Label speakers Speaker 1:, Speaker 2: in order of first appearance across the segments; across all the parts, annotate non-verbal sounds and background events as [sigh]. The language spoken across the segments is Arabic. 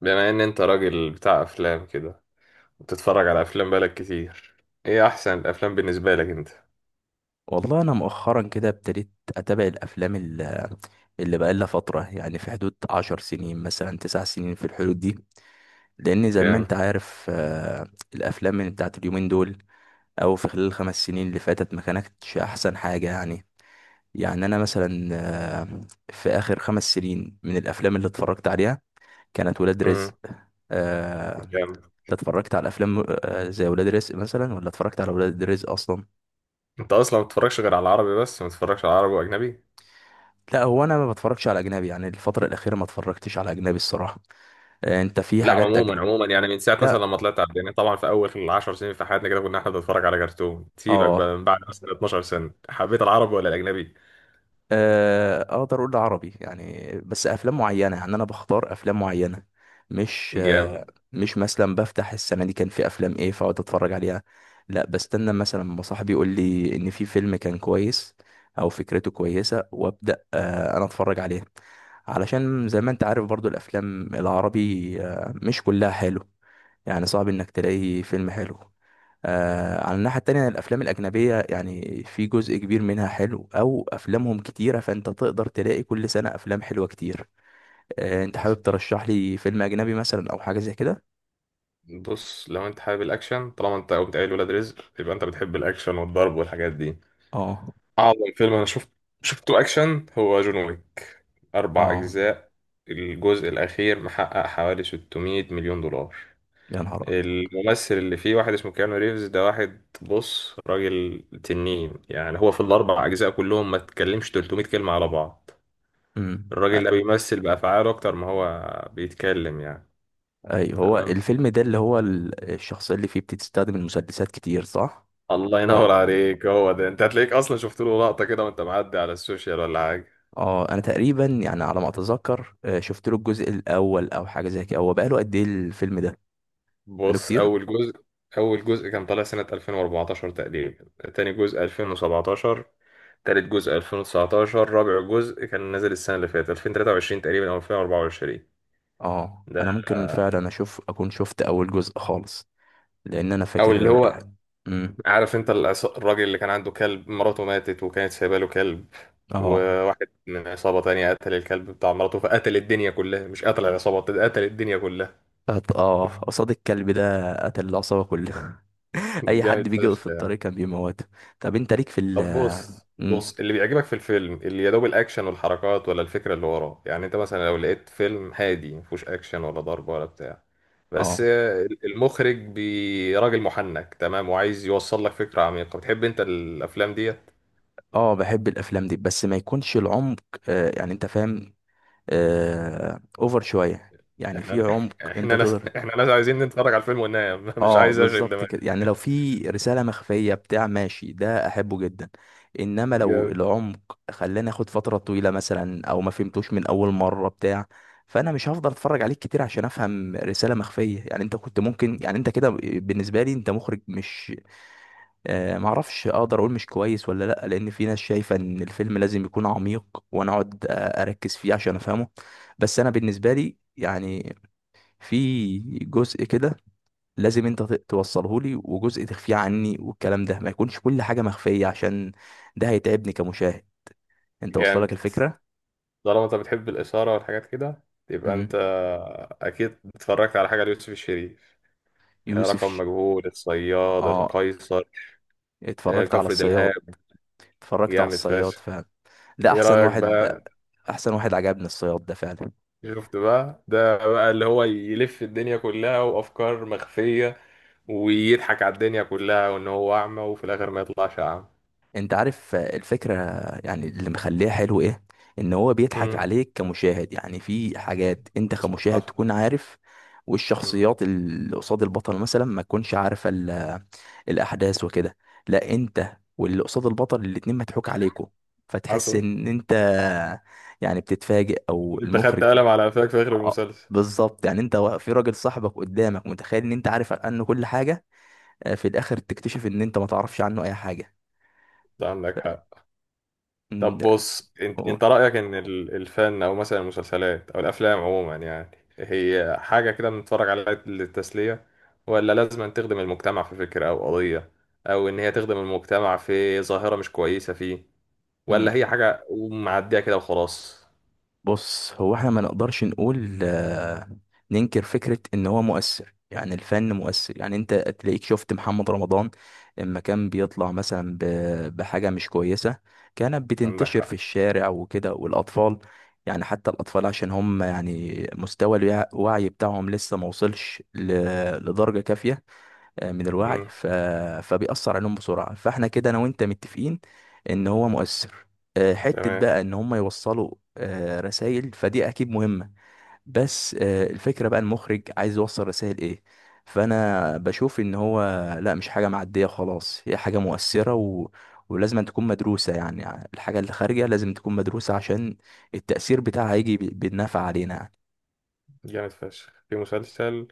Speaker 1: بما ان انت راجل بتاع افلام كده، وبتتفرج على افلام بقالك كتير. ايه احسن الافلام بالنسبه لك انت؟
Speaker 2: والله انا مؤخرا كده ابتديت اتابع الافلام اللي بقى لها فتره، يعني في حدود 10 سنين مثلا 9 سنين في الحدود دي، لان زي ما انت
Speaker 1: جامد.
Speaker 2: عارف الافلام من بتاعت اليومين دول او في خلال الـ5 سنين اللي فاتت ما كانتش احسن حاجه يعني. يعني انا مثلا آه، في اخر 5 سنين من الافلام اللي اتفرجت عليها كانت ولاد
Speaker 1: امم.
Speaker 2: رزق. آه.
Speaker 1: جامد.
Speaker 2: أنت اتفرجت على افلام زي ولاد رزق مثلا، ولا اتفرجت على ولاد رزق اصلا؟
Speaker 1: انت اصلا ما بتتفرجش غير على العربي بس، ما بتتفرجش على عربي واجنبي؟
Speaker 2: لا، هو انا ما بتفرجش على اجنبي، يعني الفتره الاخيره ما اتفرجتش على اجنبي الصراحه. انت في
Speaker 1: لا،
Speaker 2: حاجات
Speaker 1: عموما
Speaker 2: أجنبي؟
Speaker 1: عموما من ساعه مثلا
Speaker 2: لا.
Speaker 1: لما طلعت على الدنيا، طبعا في اول 10 سنين في حياتنا كده كنا احنا بنتفرج على كرتون. سيبك بقى،
Speaker 2: اه.
Speaker 1: من بعد مثلا 12 سنه حبيت العربي ولا الاجنبي؟
Speaker 2: اقدر اقول عربي يعني، بس افلام معينه، يعني انا بختار افلام معينه. مش
Speaker 1: جامد.
Speaker 2: آه، مش مثلا بفتح السنه دي كان في افلام ايه فاقعد اتفرج عليها. لا، بستنى مثلا ما صاحبي يقول لي ان في فيلم كان كويس او فكرته كويسه، وابدا انا اتفرج عليه. علشان زي ما انت عارف برضو الافلام العربي مش كلها حلو، يعني صعب انك تلاقي فيلم حلو. على الناحية التانية الأفلام الأجنبية، يعني في جزء كبير منها حلو، أو أفلامهم كتيرة فأنت تقدر تلاقي كل سنة أفلام حلوة كتير. أنت
Speaker 1: حصل.
Speaker 2: حابب ترشح لي فيلم أجنبي مثلا أو حاجة زي كده؟
Speaker 1: بص، لو انت حابب الاكشن، طالما انت قمت قايل ولاد رزق، يبقى انت بتحب الاكشن والضرب والحاجات دي.
Speaker 2: آه.
Speaker 1: أعظم فيلم أنا شفته أكشن هو جون ويك. أربع
Speaker 2: آه.
Speaker 1: أجزاء. الجزء الأخير محقق حوالي 600 مليون دولار.
Speaker 2: يا نهار أبيض.
Speaker 1: الممثل اللي فيه واحد اسمه كيانو ريفز، ده واحد بص راجل تنين، يعني هو في الأربع أجزاء كلهم ما تكلمش 300 كلمة على بعض.
Speaker 2: امم
Speaker 1: الراجل ده
Speaker 2: أ-
Speaker 1: بيمثل بأفعاله أكتر ما هو بيتكلم يعني.
Speaker 2: أيوه، هو
Speaker 1: تمام،
Speaker 2: الفيلم ده اللي هو الشخصية اللي فيه بتستخدم المسدسات كتير صح؟
Speaker 1: الله ينور
Speaker 2: ولا.
Speaker 1: عليك. هو ده، أنت هتلاقيك أصلا شفت له لقطة كده وأنت معدي على السوشيال ولا حاجة؟
Speaker 2: اه، انا تقريبا يعني على ما اتذكر شفت له الجزء الاول او حاجه زي كده. هو بقاله قد ايه الفيلم ده؟ بقاله
Speaker 1: بص،
Speaker 2: كتير.
Speaker 1: أول جزء، أول جزء كان طالع سنة 2014 تقريبا، تاني جزء 2017، تالت جزء 2019، رابع جزء كان نازل السنة اللي فاتت 2023 تقريبا أو 2024.
Speaker 2: اه،
Speaker 1: ده،
Speaker 2: انا ممكن فعلا اشوف اكون شفت اول جزء خالص، لان انا
Speaker 1: أو اللي
Speaker 2: فاكر.
Speaker 1: هو،
Speaker 2: امم
Speaker 1: عارف أنت الراجل اللي كان عنده كلب، مراته ماتت وكانت سايبة له كلب،
Speaker 2: اه
Speaker 1: وواحد من عصابة تانية قتل الكلب بتاع مراته، فقتل الدنيا كلها. مش قتل العصابة، قتل الدنيا كلها.
Speaker 2: اه، قصاد الكلب ده قتل العصابه كلها. [laughs]
Speaker 1: [laughs]
Speaker 2: اي حد
Speaker 1: جامد
Speaker 2: بيجي يقف في
Speaker 1: فشخ
Speaker 2: الطريق
Speaker 1: يعني.
Speaker 2: كان بيموته. طب انت ليك في
Speaker 1: طب
Speaker 2: ال…
Speaker 1: بص
Speaker 2: مم.
Speaker 1: بص، اللي بيعجبك في الفيلم اللي يا دوب الاكشن والحركات، ولا الفكره اللي وراه؟ يعني انت مثلا لو لقيت فيلم هادي مفيهوش اكشن ولا ضرب ولا بتاع، بس
Speaker 2: اه
Speaker 1: المخرج راجل محنك تمام وعايز يوصل لك فكره عميقه، بتحب انت الافلام ديت؟
Speaker 2: اه، بحب الافلام دي بس ما يكونش العمق. يعني انت فاهم. اوفر شويه، يعني في
Speaker 1: احنا
Speaker 2: عمق انت
Speaker 1: احنا ناس
Speaker 2: تقدر.
Speaker 1: احنا ناس عايزين نتفرج على الفيلم وننام. [laughs] مش
Speaker 2: اه،
Speaker 1: عايز اشغل
Speaker 2: بالظبط
Speaker 1: دماغي.
Speaker 2: كده، يعني لو في رسالة مخفية بتاع ماشي ده احبه جدا. انما لو
Speaker 1: جامد.
Speaker 2: العمق خلاني اخد فترة طويلة مثلا، او ما فهمتوش من اول مرة بتاع، فانا مش هفضل اتفرج عليك كتير عشان افهم رسالة مخفية، يعني انت كنت ممكن يعني انت كده بالنسبة لي انت مخرج مش… معرفش اقدر اقول مش كويس ولا لا، لان في ناس شايفة ان الفيلم لازم يكون عميق، وانا اقعد اركز فيه عشان افهمه. بس انا بالنسبة لي يعني، في جزء كده لازم انت توصله لي، وجزء تخفيه عني، والكلام ده ما يكونش كل حاجه مخفيه، عشان ده هيتعبني كمشاهد، انت وصل لك
Speaker 1: جامد.
Speaker 2: الفكره.
Speaker 1: طالما انت بتحب الاثاره والحاجات كده، يبقى انت
Speaker 2: مم.
Speaker 1: اكيد اتفرجت على حاجه ليوسف الشريف.
Speaker 2: يوسف
Speaker 1: رقم
Speaker 2: ش…
Speaker 1: مجهول، الصياد،
Speaker 2: اه.
Speaker 1: القيصر،
Speaker 2: اتفرجت على
Speaker 1: كفر
Speaker 2: الصياد.
Speaker 1: دلهاب.
Speaker 2: اتفرجت على
Speaker 1: جامد
Speaker 2: الصياد
Speaker 1: فشخ.
Speaker 2: فعلا. ده
Speaker 1: ايه
Speaker 2: احسن
Speaker 1: رأيك
Speaker 2: واحد.
Speaker 1: بقى؟
Speaker 2: احسن واحد عجبني الصياد ده فعلا.
Speaker 1: شفت بقى، ده بقى اللي هو يلف الدنيا كلها وافكار مخفية، ويضحك على الدنيا كلها وان هو اعمى، وفي الاخر ما يطلعش اعمى.
Speaker 2: انت عارف الفكرة يعني اللي مخليها حلو ايه؟ ان هو بيضحك
Speaker 1: امم.
Speaker 2: عليك كمشاهد، يعني في حاجات انت
Speaker 1: حصل
Speaker 2: كمشاهد
Speaker 1: حصل.
Speaker 2: تكون عارف،
Speaker 1: امم.
Speaker 2: والشخصيات اللي قصاد البطل مثلا ما تكونش عارفة الاحداث وكده. لا، انت واللي قصاد البطل الاتنين مضحوك عليكوا، فتحس
Speaker 1: حصل.
Speaker 2: ان انت يعني بتتفاجئ او
Speaker 1: انت خدت
Speaker 2: المخرج.
Speaker 1: قلم على قفاك في اخر
Speaker 2: اه،
Speaker 1: المسلسل.
Speaker 2: بالظبط، يعني انت في راجل صاحبك قدامك متخيل ان انت عارف عنه كل حاجة، في الاخر تكتشف ان انت ما تعرفش عنه اي حاجة.
Speaker 1: ده عندك
Speaker 2: ف...
Speaker 1: حق.
Speaker 2: مم،
Speaker 1: طب
Speaker 2: ده-
Speaker 1: بص، انت انت رأيك ان الفن، او مثلا المسلسلات او الافلام عموما، يعني هي حاجة كده بنتفرج عليها للتسلية، ولا لازم أن تخدم المجتمع في فكرة او قضية، او ان هي تخدم المجتمع في ظاهرة مش كويسة فيه، ولا هي
Speaker 2: مم.
Speaker 1: حاجة معدية كده وخلاص؟
Speaker 2: بص، هو احنا ما نقدرش نقول ننكر فكرة ان هو مؤثر، يعني الفن مؤثر، يعني انت تلاقيك شفت محمد رمضان لما كان بيطلع مثلا بحاجة مش كويسة، كانت
Speaker 1: عندك
Speaker 2: بتنتشر في
Speaker 1: حق.
Speaker 2: الشارع وكده والاطفال. يعني حتى الاطفال عشان هم يعني مستوى الوعي بتاعهم لسه ما وصلش لدرجة كافية من الوعي
Speaker 1: امم.
Speaker 2: فبيأثر عليهم بسرعة. فاحنا كده انا وانت متفقين ان هو مؤثر. حتة
Speaker 1: تمام.
Speaker 2: بقى ان هم يوصلوا رسائل، فدي اكيد مهمة. بس الفكرة بقى المخرج عايز يوصل رسائل ايه. فانا بشوف ان هو، لا، مش حاجة معدية خلاص، هي حاجة مؤثرة و... ولازم أن تكون مدروسة، يعني الحاجة اللي خارجة لازم تكون مدروسة عشان التأثير بتاعها هيجي بالنفع علينا يعني.
Speaker 1: جامد فشخ في مسلسل،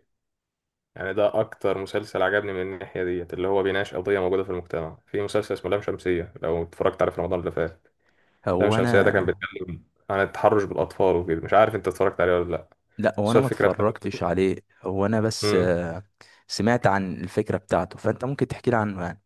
Speaker 1: يعني ده اكتر مسلسل عجبني من الناحية ديت، اللي هو بيناقش قضية موجودة في المجتمع. في مسلسل اسمه لام شمسية، لو اتفرجت عليه في رمضان اللي فات. لام
Speaker 2: هو
Speaker 1: شمسية ده كان
Speaker 2: انا
Speaker 1: بيتكلم عن التحرش بالأطفال وكده، مش عارف أنت اتفرجت عليه ولا لأ.
Speaker 2: لا، هو
Speaker 1: بس
Speaker 2: انا
Speaker 1: هو
Speaker 2: ما
Speaker 1: الفكرة
Speaker 2: اتفرجتش
Speaker 1: بتاعته،
Speaker 2: عليه. هو انا بس
Speaker 1: امم،
Speaker 2: سمعت عن الفكرة بتاعته، فانت ممكن تحكي لي عنه يعني.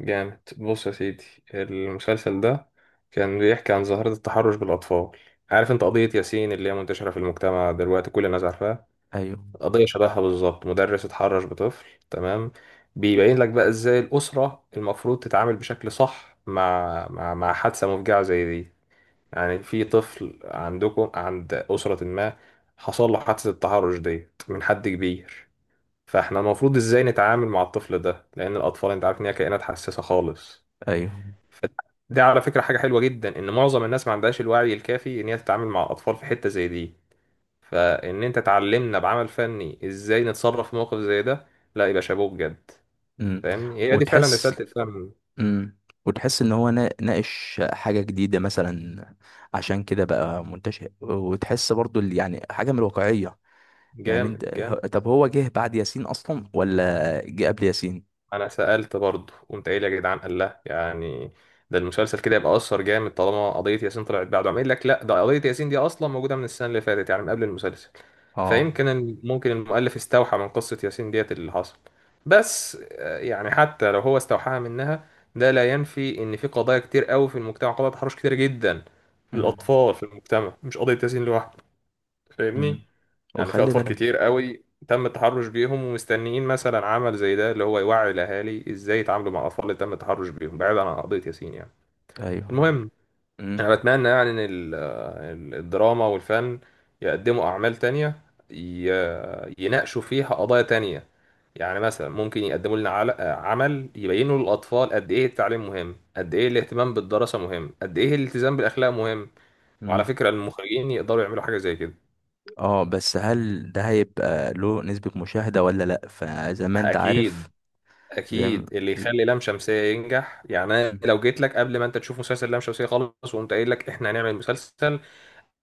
Speaker 1: جامد. بص يا سيدي، المسلسل ده كان بيحكي عن ظاهرة التحرش بالأطفال. عارف أنت قضية ياسين اللي هي منتشرة في المجتمع دلوقتي، كل الناس عارفاها؟
Speaker 2: ايوه،
Speaker 1: قضية شبهها بالظبط، مدرس اتحرش بطفل. تمام؟ بيبين لك بقى إزاي الأسرة المفروض تتعامل بشكل صح مع حادثة مفجعة زي دي. يعني في طفل عندكم، عند أسرة ما، حصل له حادثة التحرش ديت من حد كبير، فاحنا المفروض ازاي نتعامل مع الطفل ده؟ لأن الأطفال انت عارف ان هي كائنات حساسة خالص.
Speaker 2: ايوه.
Speaker 1: ف- دي على فكرة حاجة حلوة جدا، ان معظم الناس ما عندهاش الوعي الكافي ان هي تتعامل مع الأطفال في حتة زي دي. فان انت تعلمنا بعمل فني ازاي نتصرف في موقف زي ده، لا يبقى شابوه بجد.
Speaker 2: امم
Speaker 1: فاهمني، هي دي فعلا
Speaker 2: وتحس.
Speaker 1: رسالة الفن.
Speaker 2: امم وتحس ان هو ناقش حاجة جديدة مثلا، عشان كده بقى منتشر، وتحس برضو اللي يعني حاجة من الواقعية. يعني
Speaker 1: جامد. جامد.
Speaker 2: طب هو جه بعد ياسين اصلا ولا جه قبل ياسين؟
Speaker 1: انا سألت برضه، قمت قايل يا جدعان، قال لا يعني ده المسلسل كده يبقى اثر جامد، طالما قضية ياسين طلعت بعده. عم قايل لك لا، ده قضية ياسين دي اصلا موجودة من السنة اللي فاتت، يعني من قبل المسلسل.
Speaker 2: اه.
Speaker 1: فيمكن ممكن المؤلف استوحى من قصة ياسين ديت اللي حصل. بس يعني حتى لو هو استوحاها منها، ده لا ينفي ان في قضايا كتير قوي في المجتمع، قضايا تحرش كتير جدا
Speaker 2: امم
Speaker 1: للاطفال في المجتمع، مش قضية ياسين لوحده. فاهمني؟
Speaker 2: امم
Speaker 1: يعني في
Speaker 2: وخلي
Speaker 1: اطفال كتير
Speaker 2: بالك.
Speaker 1: قوي تم التحرش بيهم ومستنيين مثلا عمل زي ده، اللي هو يوعي الاهالي ازاي يتعاملوا مع الاطفال اللي تم التحرش بيهم بعيد عن قضيه ياسين يعني.
Speaker 2: ايوه.
Speaker 1: المهم، انا بتمنى يعني ان الدراما والفن يقدموا اعمال تانية، يناقشوا فيها قضايا تانية. يعني مثلا ممكن يقدموا لنا عمل يبينوا للاطفال قد ايه التعليم مهم، قد ايه الاهتمام بالدراسه مهم، قد ايه الالتزام بالاخلاق مهم. وعلى
Speaker 2: امم
Speaker 1: فكره المخرجين يقدروا يعملوا حاجه زي كده.
Speaker 2: اه بس هل ده هيبقى له نسبة مشاهدة ولا لأ؟ فزي ما انت عارف.
Speaker 1: اكيد.
Speaker 2: زي ما
Speaker 1: اكيد اللي
Speaker 2: ز-
Speaker 1: يخلي لام شمسيه ينجح، يعني انا لو جيت لك قبل ما انت تشوف مسلسل لام شمسيه خالص، وقمت قايل لك احنا هنعمل مسلسل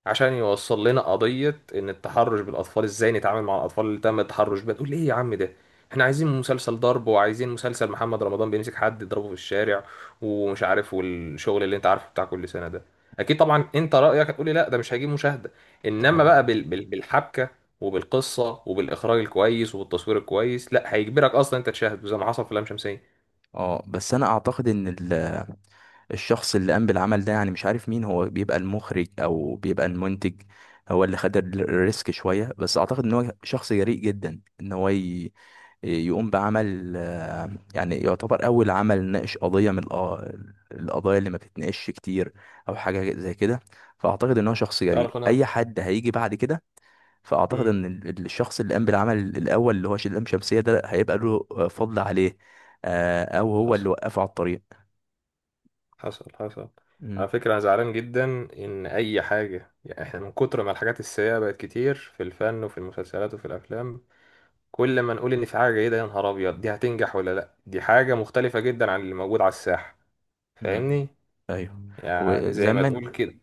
Speaker 1: عشان يوصل لنا قضية إن التحرش بالأطفال إزاي نتعامل مع الأطفال اللي تم التحرش بيها، تقول لي إيه يا عم ده، إحنا عايزين مسلسل ضرب، وعايزين مسلسل محمد رمضان بيمسك حد يضربه في الشارع ومش عارف، والشغل اللي أنت عارفه بتاع كل سنة ده. أكيد طبعا أنت رأيك هتقول لي لا ده مش هيجيب مشاهدة.
Speaker 2: ده
Speaker 1: إنما بقى
Speaker 2: حقيقة.
Speaker 1: بالحبكة وبالقصة وبالإخراج الكويس وبالتصوير الكويس، لا هيجبرك أصلا أنت تشاهد، وزي ما حصل في لام شمسية.
Speaker 2: اه، بس انا اعتقد ان الشخص اللي قام بالعمل ده، يعني مش عارف مين هو، بيبقى المخرج او بيبقى المنتج، هو اللي خد الريسك شوية. بس اعتقد ان هو شخص جريء جدا، ان هو يقوم بعمل يعني يعتبر اول عمل ناقش قضية من القضايا اللي ما بتتناقش كتير او حاجة زي كده. فاعتقد ان هو شخص جريء.
Speaker 1: تعرف انا،
Speaker 2: اي حد هيجي بعد كده، فاعتقد
Speaker 1: امم،
Speaker 2: ان الشخص اللي قام بالعمل الاول اللي هو شدام شمسية ده هيبقى له فضل عليه، او هو اللي
Speaker 1: حصل
Speaker 2: وقفه على الطريق.
Speaker 1: حصل. حصل.
Speaker 2: مم.
Speaker 1: على فكرة أنا زعلان جدا، إن أي حاجة يعني إحنا من كتر ما الحاجات السيئة بقت كتير في الفن وفي المسلسلات وفي الأفلام، كل ما نقول إن في حاجة جيدة، يا نهار أبيض دي هتنجح ولا لأ، دي حاجة مختلفة جدا عن اللي موجود على الساحة.
Speaker 2: مم.
Speaker 1: فاهمني؟
Speaker 2: ايوه.
Speaker 1: يعني
Speaker 2: وزي
Speaker 1: زي ما
Speaker 2: ما انت
Speaker 1: تقول كده.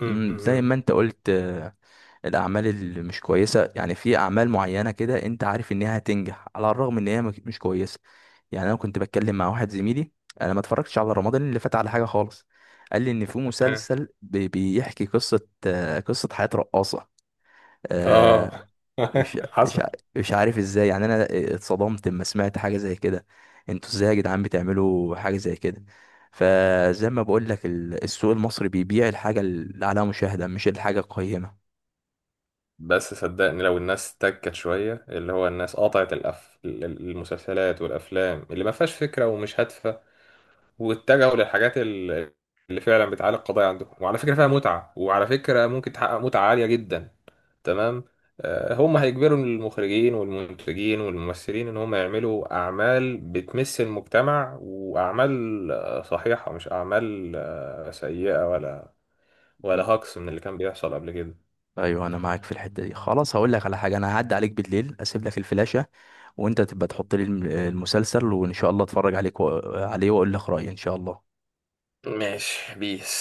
Speaker 1: م-
Speaker 2: مم، زي
Speaker 1: م-
Speaker 2: ما انت قلت الاعمال اللي مش كويسه، يعني في اعمال معينه كده انت عارف انها هتنجح على الرغم ان هي مش كويسه. يعني انا كنت بتكلم مع واحد زميلي، انا ما اتفرجتش على رمضان اللي فات على حاجه خالص، قال لي ان في
Speaker 1: تمام.
Speaker 2: مسلسل بيحكي قصه، قصه حياه رقاصه.
Speaker 1: آه.
Speaker 2: مش
Speaker 1: [laughs]
Speaker 2: مش
Speaker 1: حصل.
Speaker 2: ع- مش عارف ازاي، يعني انا اتصدمت لما سمعت حاجه زي كده. انتوا ازاي يا جدعان بتعملوا حاجه زي كده؟ فزي ما بقول لك السوق المصري بيبيع الحاجه اللي عليها مشاهده مش الحاجه القيمه.
Speaker 1: بس صدقني، لو الناس تكت شوية، اللي هو الناس قطعت المسلسلات والأفلام اللي ما فيهاش فكرة ومش هادفة، واتجهوا للحاجات اللي فعلا بتعالج قضايا عندهم، وعلى فكرة فيها متعة، وعلى فكرة ممكن تحقق متعة عالية جدا. تمام؟ هم هيجبروا المخرجين والمنتجين والممثلين ان هم يعملوا اعمال بتمس المجتمع واعمال صحيحة، مش اعمال سيئة، ولا ولا
Speaker 2: م.
Speaker 1: هاكس من اللي كان بيحصل قبل كده.
Speaker 2: ايوه، انا معاك في الحته دي. خلاص، هقول لك على حاجه، انا هعدي عليك بالليل اسيب لك الفلاشه، وانت تبقى تحط لي المسلسل، وان شاء الله اتفرج عليه واقول لك رايي ان شاء الله.
Speaker 1: ماشي بيس.